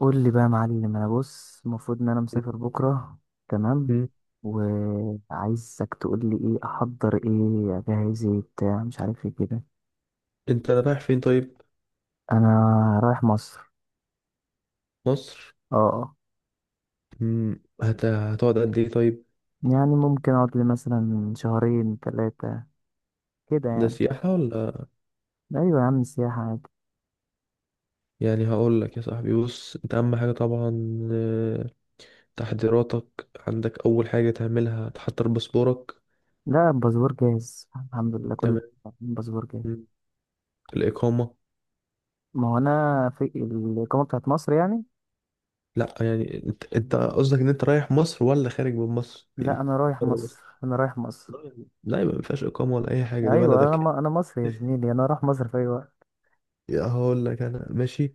قول لي بقى يا معلم، انا بص المفروض ان انا مسافر بكره. تمام. مم. وعايزك تقول لي ايه احضر، ايه اجهز، ايه بتاع مش عارف ايه كده. انت رايح فين طيب؟ انا رايح مصر. مصر. اه، آه. مم. هتقعد قد ايه طيب؟ يعني ممكن اقعد لي مثلا شهرين 3 كده ده يعني. سياحة ولا؟ ايوه يا عم، سياحه عادي. يعني هقول لك يا صاحبي، بص، انت اهم حاجة طبعا. آه، تحضيراتك عندك. اول حاجة تعملها تحضر باسبورك. لا، الباسبور جاهز الحمد لله كل تمام. الباسبور جاهز. مم. الإقامة. ما هو انا في الاقامه بتاعت مصر يعني. لا يعني- انت قصدك ان انت رايح مصر ولا خارج من مصر لا، يعني؟ انا رايح بره مصر؟ مصر انا رايح مصر. لا، يبقى ما فيهاش إقامة ولا اي حاجة، ده ايوه، بلدك. انا مصري يا زميلي، انا رايح مصر في اي وقت. يا هقول لك انا ماشي،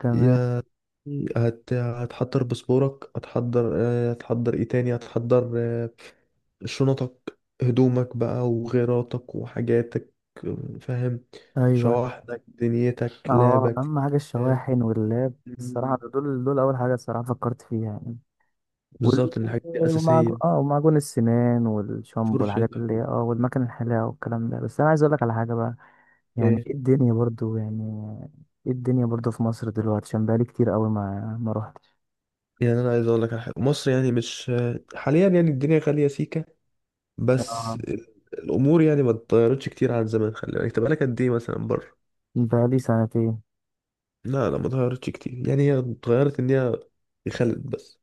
تمام. يا هتحضر باسبورك، هتحضر آه، هتحضر ايه تاني؟ هتحضر آه، شنطك هدومك بقى وغيراتك وحاجاتك. آه، فاهم. ايوه. شواحنك دنيتك اه لابك. اهم حاجه فاهم؟ الشواحن واللاب الصراحه، مم. دول اول حاجه الصراحه فكرت فيها يعني. وال- بالظبط، إن الحاجات دي أساسية. ومعجون السنان والشامبو والحاجات فرشتك اللي هي والمكان الحلاقه والكلام ده. بس انا عايز اقول لك على حاجه بقى. يعني ايه؟ ايه الدنيا برضو يعني؟ ايه الدنيا برضو في مصر دلوقتي؟ عشان بقالي كتير قوي ما روحتش. يعني أنا عايز أقول لك على حاجة. مصر يعني مش آه، حاليا يعني الدنيا غالية سيكة. بس اه، ال- الأمور يعني ما اتغيرتش كتير عن زمان. خلي بالك، انت بقالك قد ايه مثلا بره؟ بقالي سنتين. لا لا، ما اتغيرتش كتير. يعني هي اتغيرت ان هي خلت بس.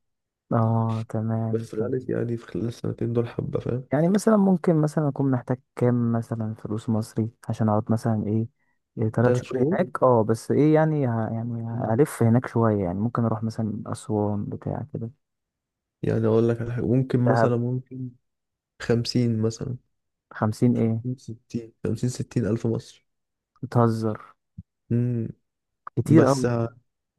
اه، تمام. بس غلت يعني، في خلال السنتين دول حبة. فاهم؟ يعني مثلا ممكن مثلا اكون محتاج كام مثلا فلوس مصري عشان اقعد مثلا ايه، إيه، تلات تلات شهور شهور. هناك. اه بس ايه يعني يعني مم. هلف هناك شوية يعني، ممكن اروح مثلا اسوان بتاع كده. يعني اقول لك على حاجة، ممكن دهب. مثلا ممكن خمسين مثلا. 50 ايه؟ خمسين ستين، خمسين ستين ألف مصري. بتهزر. مم. كتير بس قوي. ه-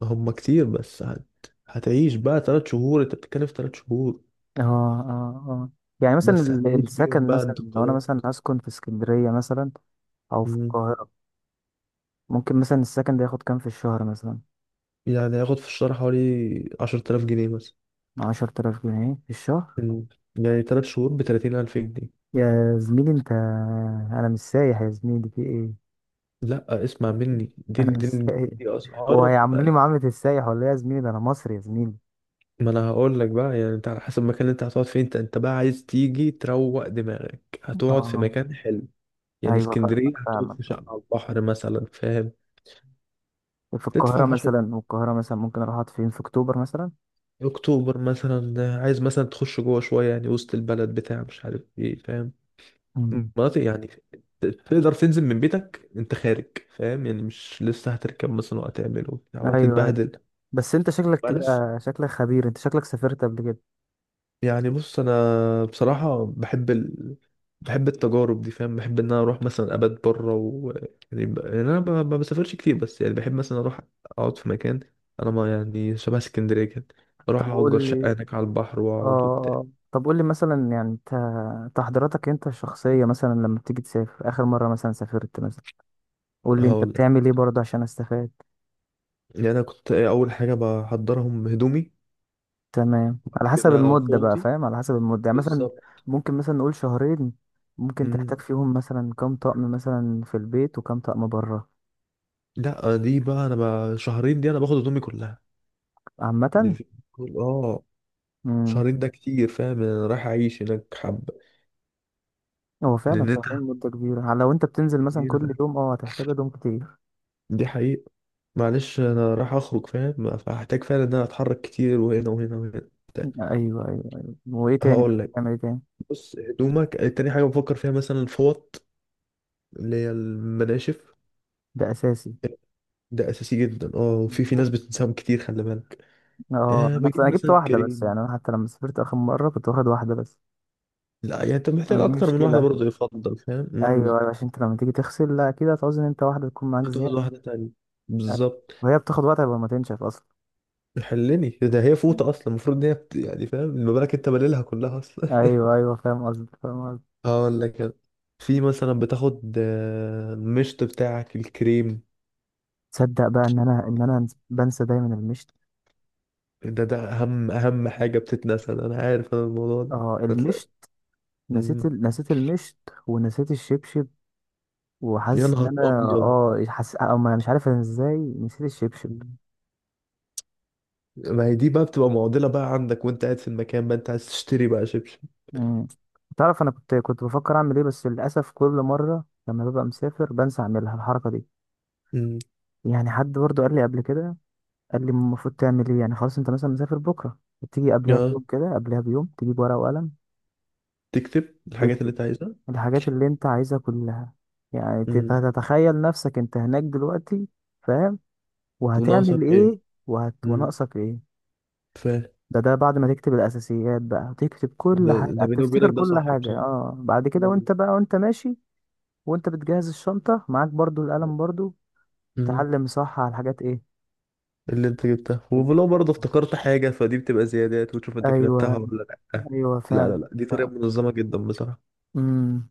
هم كتير. بس هتعيش بقى تلات شهور. انت بتتكلم في تلات شهور. اه، اه، اه. يعني مثلا بس هتعيش بيهم السكن بقى مثلا لو انا انتقالات. مثلا هسكن في اسكندرية مثلا او في مم. القاهرة. ممكن مثلا السكن ده ياخد كام في الشهر مثلا؟ يعني هياخد في الشهر حوالي عشرة آلاف جنيه مثلا. 10 آلاف جنيه في الشهر؟ مم. يعني تلات شهور بتلاتين ألف جنيه. يا زميلي انت، انا مش سايح يا زميلي في ايه. لا اسمع مني، دي انا مش دي دي, سايح. دي هو اسعار. هيعاملوني معاملة السايح ولا إيه يا زميلي؟ ده انا مصري يا زميلي. ما انا هقول لك بقى، يعني انت على حسب المكان اللي انت هتقعد فيه. انت بقى عايز تيجي تروق دماغك، هتقعد في اه، مكان حلو. يعني ايوه اسكندريه، فاهمك هتقعد فاهمك في فاهمك. شقه على البحر مثلا. فاهم؟ في القاهرة تدفع 10. مثلا، والقاهرة مثلا ممكن اروح اقعد فين؟ في اكتوبر مثلا. اكتوبر مثلا. عايز مثلا تخش جوه شويه، يعني وسط البلد بتاع مش عارف ايه. فاهم؟ أمم. مناطق يعني. تقدر تنزل من بيتك انت خارج. فاهم يعني؟ مش لسه هتركب مثلا وهتعمل وبتاع ايوه، أيوة. وهتتبهدل. بس انت شكلك كده، معلش. شكلك خبير، انت شكلك سافرت قبل كده. يعني بص، انا بصراحه بحب بحب التجارب دي. فاهم؟ بحب ان انا اروح مثلا ابات بره و... يعني، يعني انا ما بسافرش كتير، بس يعني بحب مثلا اروح اقعد في مكان انا ما يعني شبه اسكندريه كده. اروح طب اجر قول شقه لي. هناك على البحر اه واقعد وبتاع. آه. طب قول لي مثلا يعني انت، تحضيراتك انت الشخصية مثلا لما بتيجي تسافر، اخر مرة مثلا سافرت مثلا قول لي انت هقول لك. بتعمل ايه برضه عشان استفاد. يعني انا كنت إيه؟ اول حاجه بحضرهم هدومي. تمام. بعد على حسب كده المدة بقى، فوطي. فاهم؟ على حسب المدة يعني مثلا بالظبط. ممكن مثلا نقول شهرين. ممكن تحتاج مم. فيهم مثلا كام طقم مثلا في البيت وكام طقم بره. لا دي بقى، انا بقى شهرين دي انا باخد هدومي كلها. دي عامة. في... اه، امم. شهرين ده كتير. فاهم؟ يعني انا رايح اعيش هناك حبه. هو فعلا لان انت، شهرين مدة كبيرة على لو انت بتنزل مثلا كبيرة كل فعلا. يوم، هتحتاج هدوم كتير. دي حقيقة. معلش، انا راح اخرج. فاهم؟ فهحتاج فعلا ان انا اتحرك كتير وهنا وهنا وهنا بتاع. ايوه، ايوه، ايوه، وايه تاني؟ هقول لك. بتعمل ايه تاني؟ بص هدومك. تاني حاجة بفكر فيها مثلا الفوط، اللي هي المناشف. ده اساسي. ده اساسي جدا. اه، وفي ناس بتنساهم كتير. خلي بالك. اه أه، انا بجيب انا جبت مثلا واحدة بس. كريم. يعني انا حتى لما سافرت اخر مرة كنت واخد واحدة بس. لا يعني انت محتاج أنا دي اكتر من واحدة مشكلة. برضه يفضل. فاهم؟ ايوه أيوة، عشان انت لما تيجي تغسل لا كده هتعوز ان انت واحدة تكون معاك هتقعد زيادة. واحدة تانية. بالظبط. وهي بتاخد وقت قبل ما تنشف اصلا. حلني ده، هي فوطة اصلا المفروض ان هي يعني. فاهم؟ المبالغ انت باللها كلها. ايوه، ايوه، فاهم قصدك فاهم قصدك. هقول لك أنا. في مثلا بتاخد آه، المشط بتاعك، الكريم. تصدق بقى ان انا بنسى دايما المشط. ده اهم حاجه بتتنسى. ده انا عارف انا الموضوع ده. اه، هتلاقي- المشط. مم. نسيت المشط. ونسيت الشبشب. يا وحاسس ان نهار انا ابيض. حاسس او ما مش عارف انا ازاي نسيت الشبشب. مم. ما هي دي بقى بتبقى معضله بقى، عندك وانت قاعد في المكان بقى انت عايز تشتري بقى شبشب. مم. تعرف انا كنت بفكر اعمل ايه؟ بس للاسف كل مره لما ببقى مسافر بنسى اعملها الحركه دي. مم. يعني حد برضه قال لي قبل كده، قال لي المفروض تعمل ايه. يعني خلاص انت مثلا مسافر بكره، تيجي قبلها اه، بيوم كده، قبلها بيوم تجيب ورقه وقلم. تكتب الحاجات اللي تكتب انت عايزها. الحاجات اللي انت عايزها كلها. يعني مم. هتتخيل نفسك انت هناك دلوقتي، فاهم؟ وناقصك وهتعمل ايه. ايه مم. وناقصك ايه. ف ده بعد ما تكتب الاساسيات بقى هتكتب كل ده حاجه ده بيني هتفتكر وبينك ده كل صح حاجه. بصراحه. اه بعد كده مم. وانت بقى وانت ماشي، وانت بتجهز الشنطه معاك برضو، القلم برضو، مم. تعلم صح على الحاجات ايه اللي انت جبتها، ولو برضه افتكرت حاجة فدي بتبقى زيادات، وتشوف انت ايوه، كتبتها ولا لأ. ايوه، لا لا فعلا. لا، دي طريقة فعلا. منظمة جدا بصراحة. امم.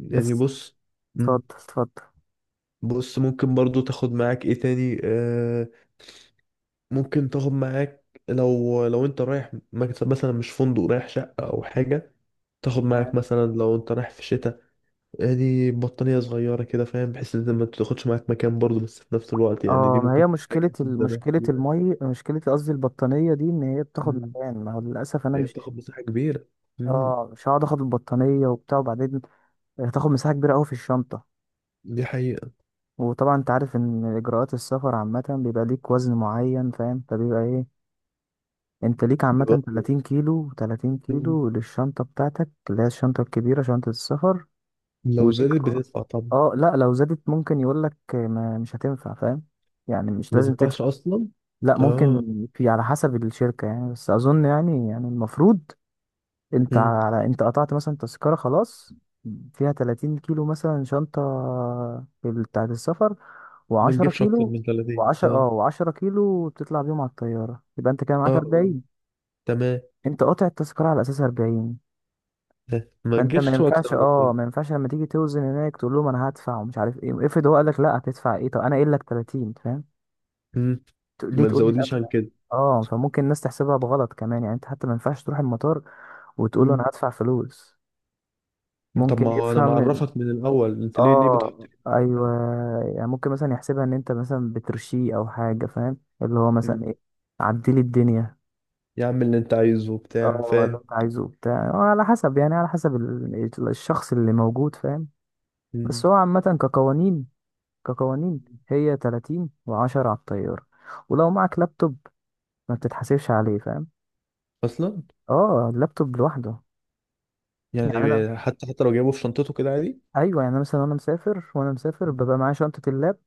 يعني بس. بص. اتفضل، مم. اتفضل. بص ممكن برضه تاخد معاك ايه تاني؟ آه، ممكن تاخد معاك، لو انت رايح مكتب مثلا مش فندق، رايح شقة او حاجة، تاخد معاك مثلا لو انت رايح في شتاء، يعني بطانية صغيرة كده. فاهم؟ بحيث ان انت ما تاخدش معاك مكان برضه، بس في نفس الوقت يعني دي اه ما هي ممكن تحتاجها مشكلة في ال- الزمان مشكلة فيها. المي مشكلة قصدي البطانية دي، ان هي بتاخد مم. مكان. ما هو للأسف انا لأن مش، بتاخد مساحة كبيرة. مم. اه مش هقعد اخد البطانية وبتاع وبعدين هتاخد مساحة كبيرة اوي في الشنطة. دي حقيقة. وطبعا انت عارف ان اجراءات السفر عامة بيبقى ليك وزن معين، فاهم؟ فبيبقى ايه، انت ليك عامة برضه. 30 كيلو، 30 مم. كيلو للشنطة بتاعتك اللي هي الشنطة الكبيرة، شنطة السفر. لو وليك. زادت بتدفع طبعا. لا، لو زادت ممكن يقولك ما مش هتنفع، فاهم؟ يعني مش ما لازم تدفعش تدفع. اصلا. لا، ممكن. اه. في على حسب الشركة يعني، بس أظن يعني المفروض مم. أنت قطعت مثلا تذكرة خلاص، فيها 30 كيلو مثلا شنطة، بتاعة السفر، ما و10 تجيبش اكتر كيلو. من 30. اه. و10 كيلو بتطلع بيهم على الطيارة، يبقى أنت كده اه معاك آه. 40. تمام. أنت قاطع التذكرة على أساس 40. آه. ما فأنت تجيبش اكتر من 30. ما ينفعش لما تيجي توزن هناك تقول لهم أنا هدفع ومش عارف إيه. افرض هو قال لك لا هتدفع إيه، طب أنا قايل لك 30، فاهم؟ مم. ليه ما تقول لي تزودنيش عن ادفع؟ كده. اه فممكن الناس تحسبها بغلط كمان يعني، انت حتى ما ينفعش تروح المطار وتقول له انا مم. هدفع فلوس. طب ممكن ما هو انا يفهم معرفك من الاول، انت ليه بتحط اه، لي ايوه، كده؟ يعني ممكن مثلا يحسبها ان انت مثلا بترشيه او حاجه، فاهم؟ اللي هو مثلا مم. ايه، عدي لي الدنيا. يا عم اللي انت عايزه وبتاع. اه، اللي فاهم؟ انت عايزه بتاع، على حسب يعني على حسب الشخص اللي موجود، فاهم. بس مم. هو عامه كقوانين، كقوانين هي 30 و10 على الطياره. ولو معك لابتوب ما بتتحاسبش عليه، فاهم. اصلا اه اللابتوب لوحده. يعني انا يعني حتى لو جايبه في شنطته كده عادي. ايوه، يعني أنا مثلا وانا مسافر مم. ببقى معايا شنطه اللاب،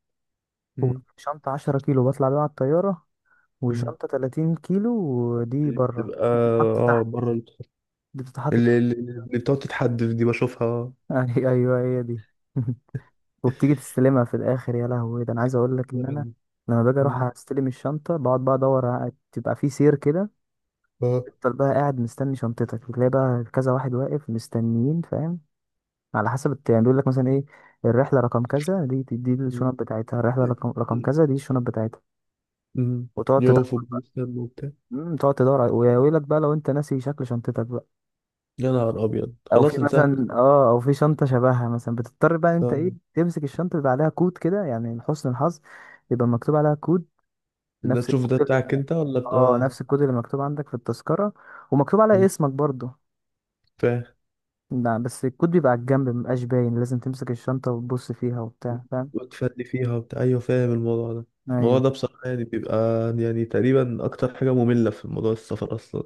مم. وشنطه 10 كيلو بطلع بيها على الطياره، مم. وشنطه 30 كيلو. ودي بره، بتبقى دي بتتحط اه تحت. بره. دي بتتحط تحت. اللي بتقعد تتحدف دي بشوفها. ايوه، هي دي. وبتيجي تستلمها في الاخر. يا لهوي، ده انا عايز اقول لك ان انا لبن. لما باجي اروح مم. استلم الشنطه بقعد بقى ادور تبقى في سير كده. اه. تفضل بقى قاعد مستني شنطتك، بتلاقي بقى كذا واحد واقف مستنيين، فاهم. على حسب يعني بيقول لك مثلا ايه، الرحله رقم كذا دي، مم. الشنط بتاعتها. الرحله رقم كذا دي الشنط بتاعتها. مم. وتقعد يقفوا تدور. بيستنوا وبتاع. تقعد تدور ويقول لك بقى لو انت ناسي شكل شنطتك بقى، يا نهار أبيض، خلاص انساها أصلا. او في شنطه شبهها مثلا، بتضطر بقى انت ايه اه. تمسك الشنطه، بيبقى عليها كود كده يعني لحسن الحظ، يبقى مكتوب عليها كود. ده نفس تشوف، ده الكود اللي بتاعك أنت ولا بتاع؟ اه اه. نفس الكود اللي مكتوب عندك في التذكره، ومكتوب على مم. اسمك برضه. فاهم. لا، بس الكود بيبقى على الجنب مبقاش باين، لازم تمسك الشنطه وتبص فيها وبتاع، فاهم. وتفني فيها وبتاع، أيوه فاهم الموضوع ده. الموضوع ايوه، ده بصراحة يعني بيبقى، يعني تقريبا أكتر حاجة مملة في موضوع السفر أصلا،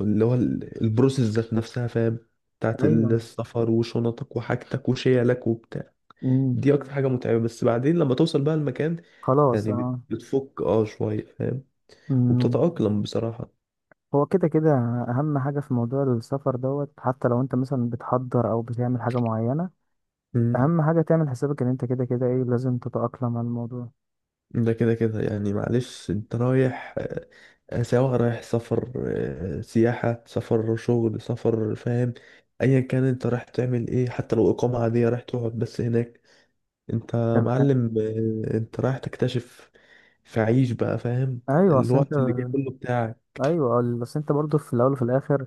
اللي هو البروسيس ذات نفسها. فاهم؟ بتاعت ايوه. السفر وشنطك وحاجتك وشيلك وبتاع. مم. دي اكتر حاجه متعبه، بس بعدين لما توصل بقى المكان خلاص. يعني اه بتفك اه شويه. فاهم؟ أمم. وبتتاقلم بصراحه. هو كده كده، اهم حاجة في موضوع السفر دوت، حتى لو انت مثلا بتحضر او بتعمل حاجة معينة، امم اهم حاجة تعمل حسابك ان انت كده كده ايه لازم تتأقلم على الموضوع. ده كده كده يعني. معلش، انت رايح آه، آه، سواء رايح سفر، آه، سياحه سفر شغل سفر. فاهم؟ ايا كان انت رايح تعمل ايه، حتى لو اقامه عاديه رايح تقعد بس هناك، انت تمام. معلم. آه، انت رايح تكتشف. فعيش بقى. فاهم؟ ايوه، اصل انت، الوقت اللي جاي كله بتاعك. ايوه بس انت برضه في الاول وفي الاخر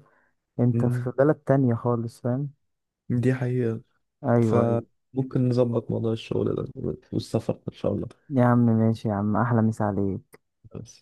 انت في امم بلد تانية خالص، فاهم. دي حقيقه. ايوه، ايوه. فممكن نظبط موضوع الشغل ده، والسفر إن شاء الله. يا عم ماشي، يا عم، احلى مسا عليك. بس.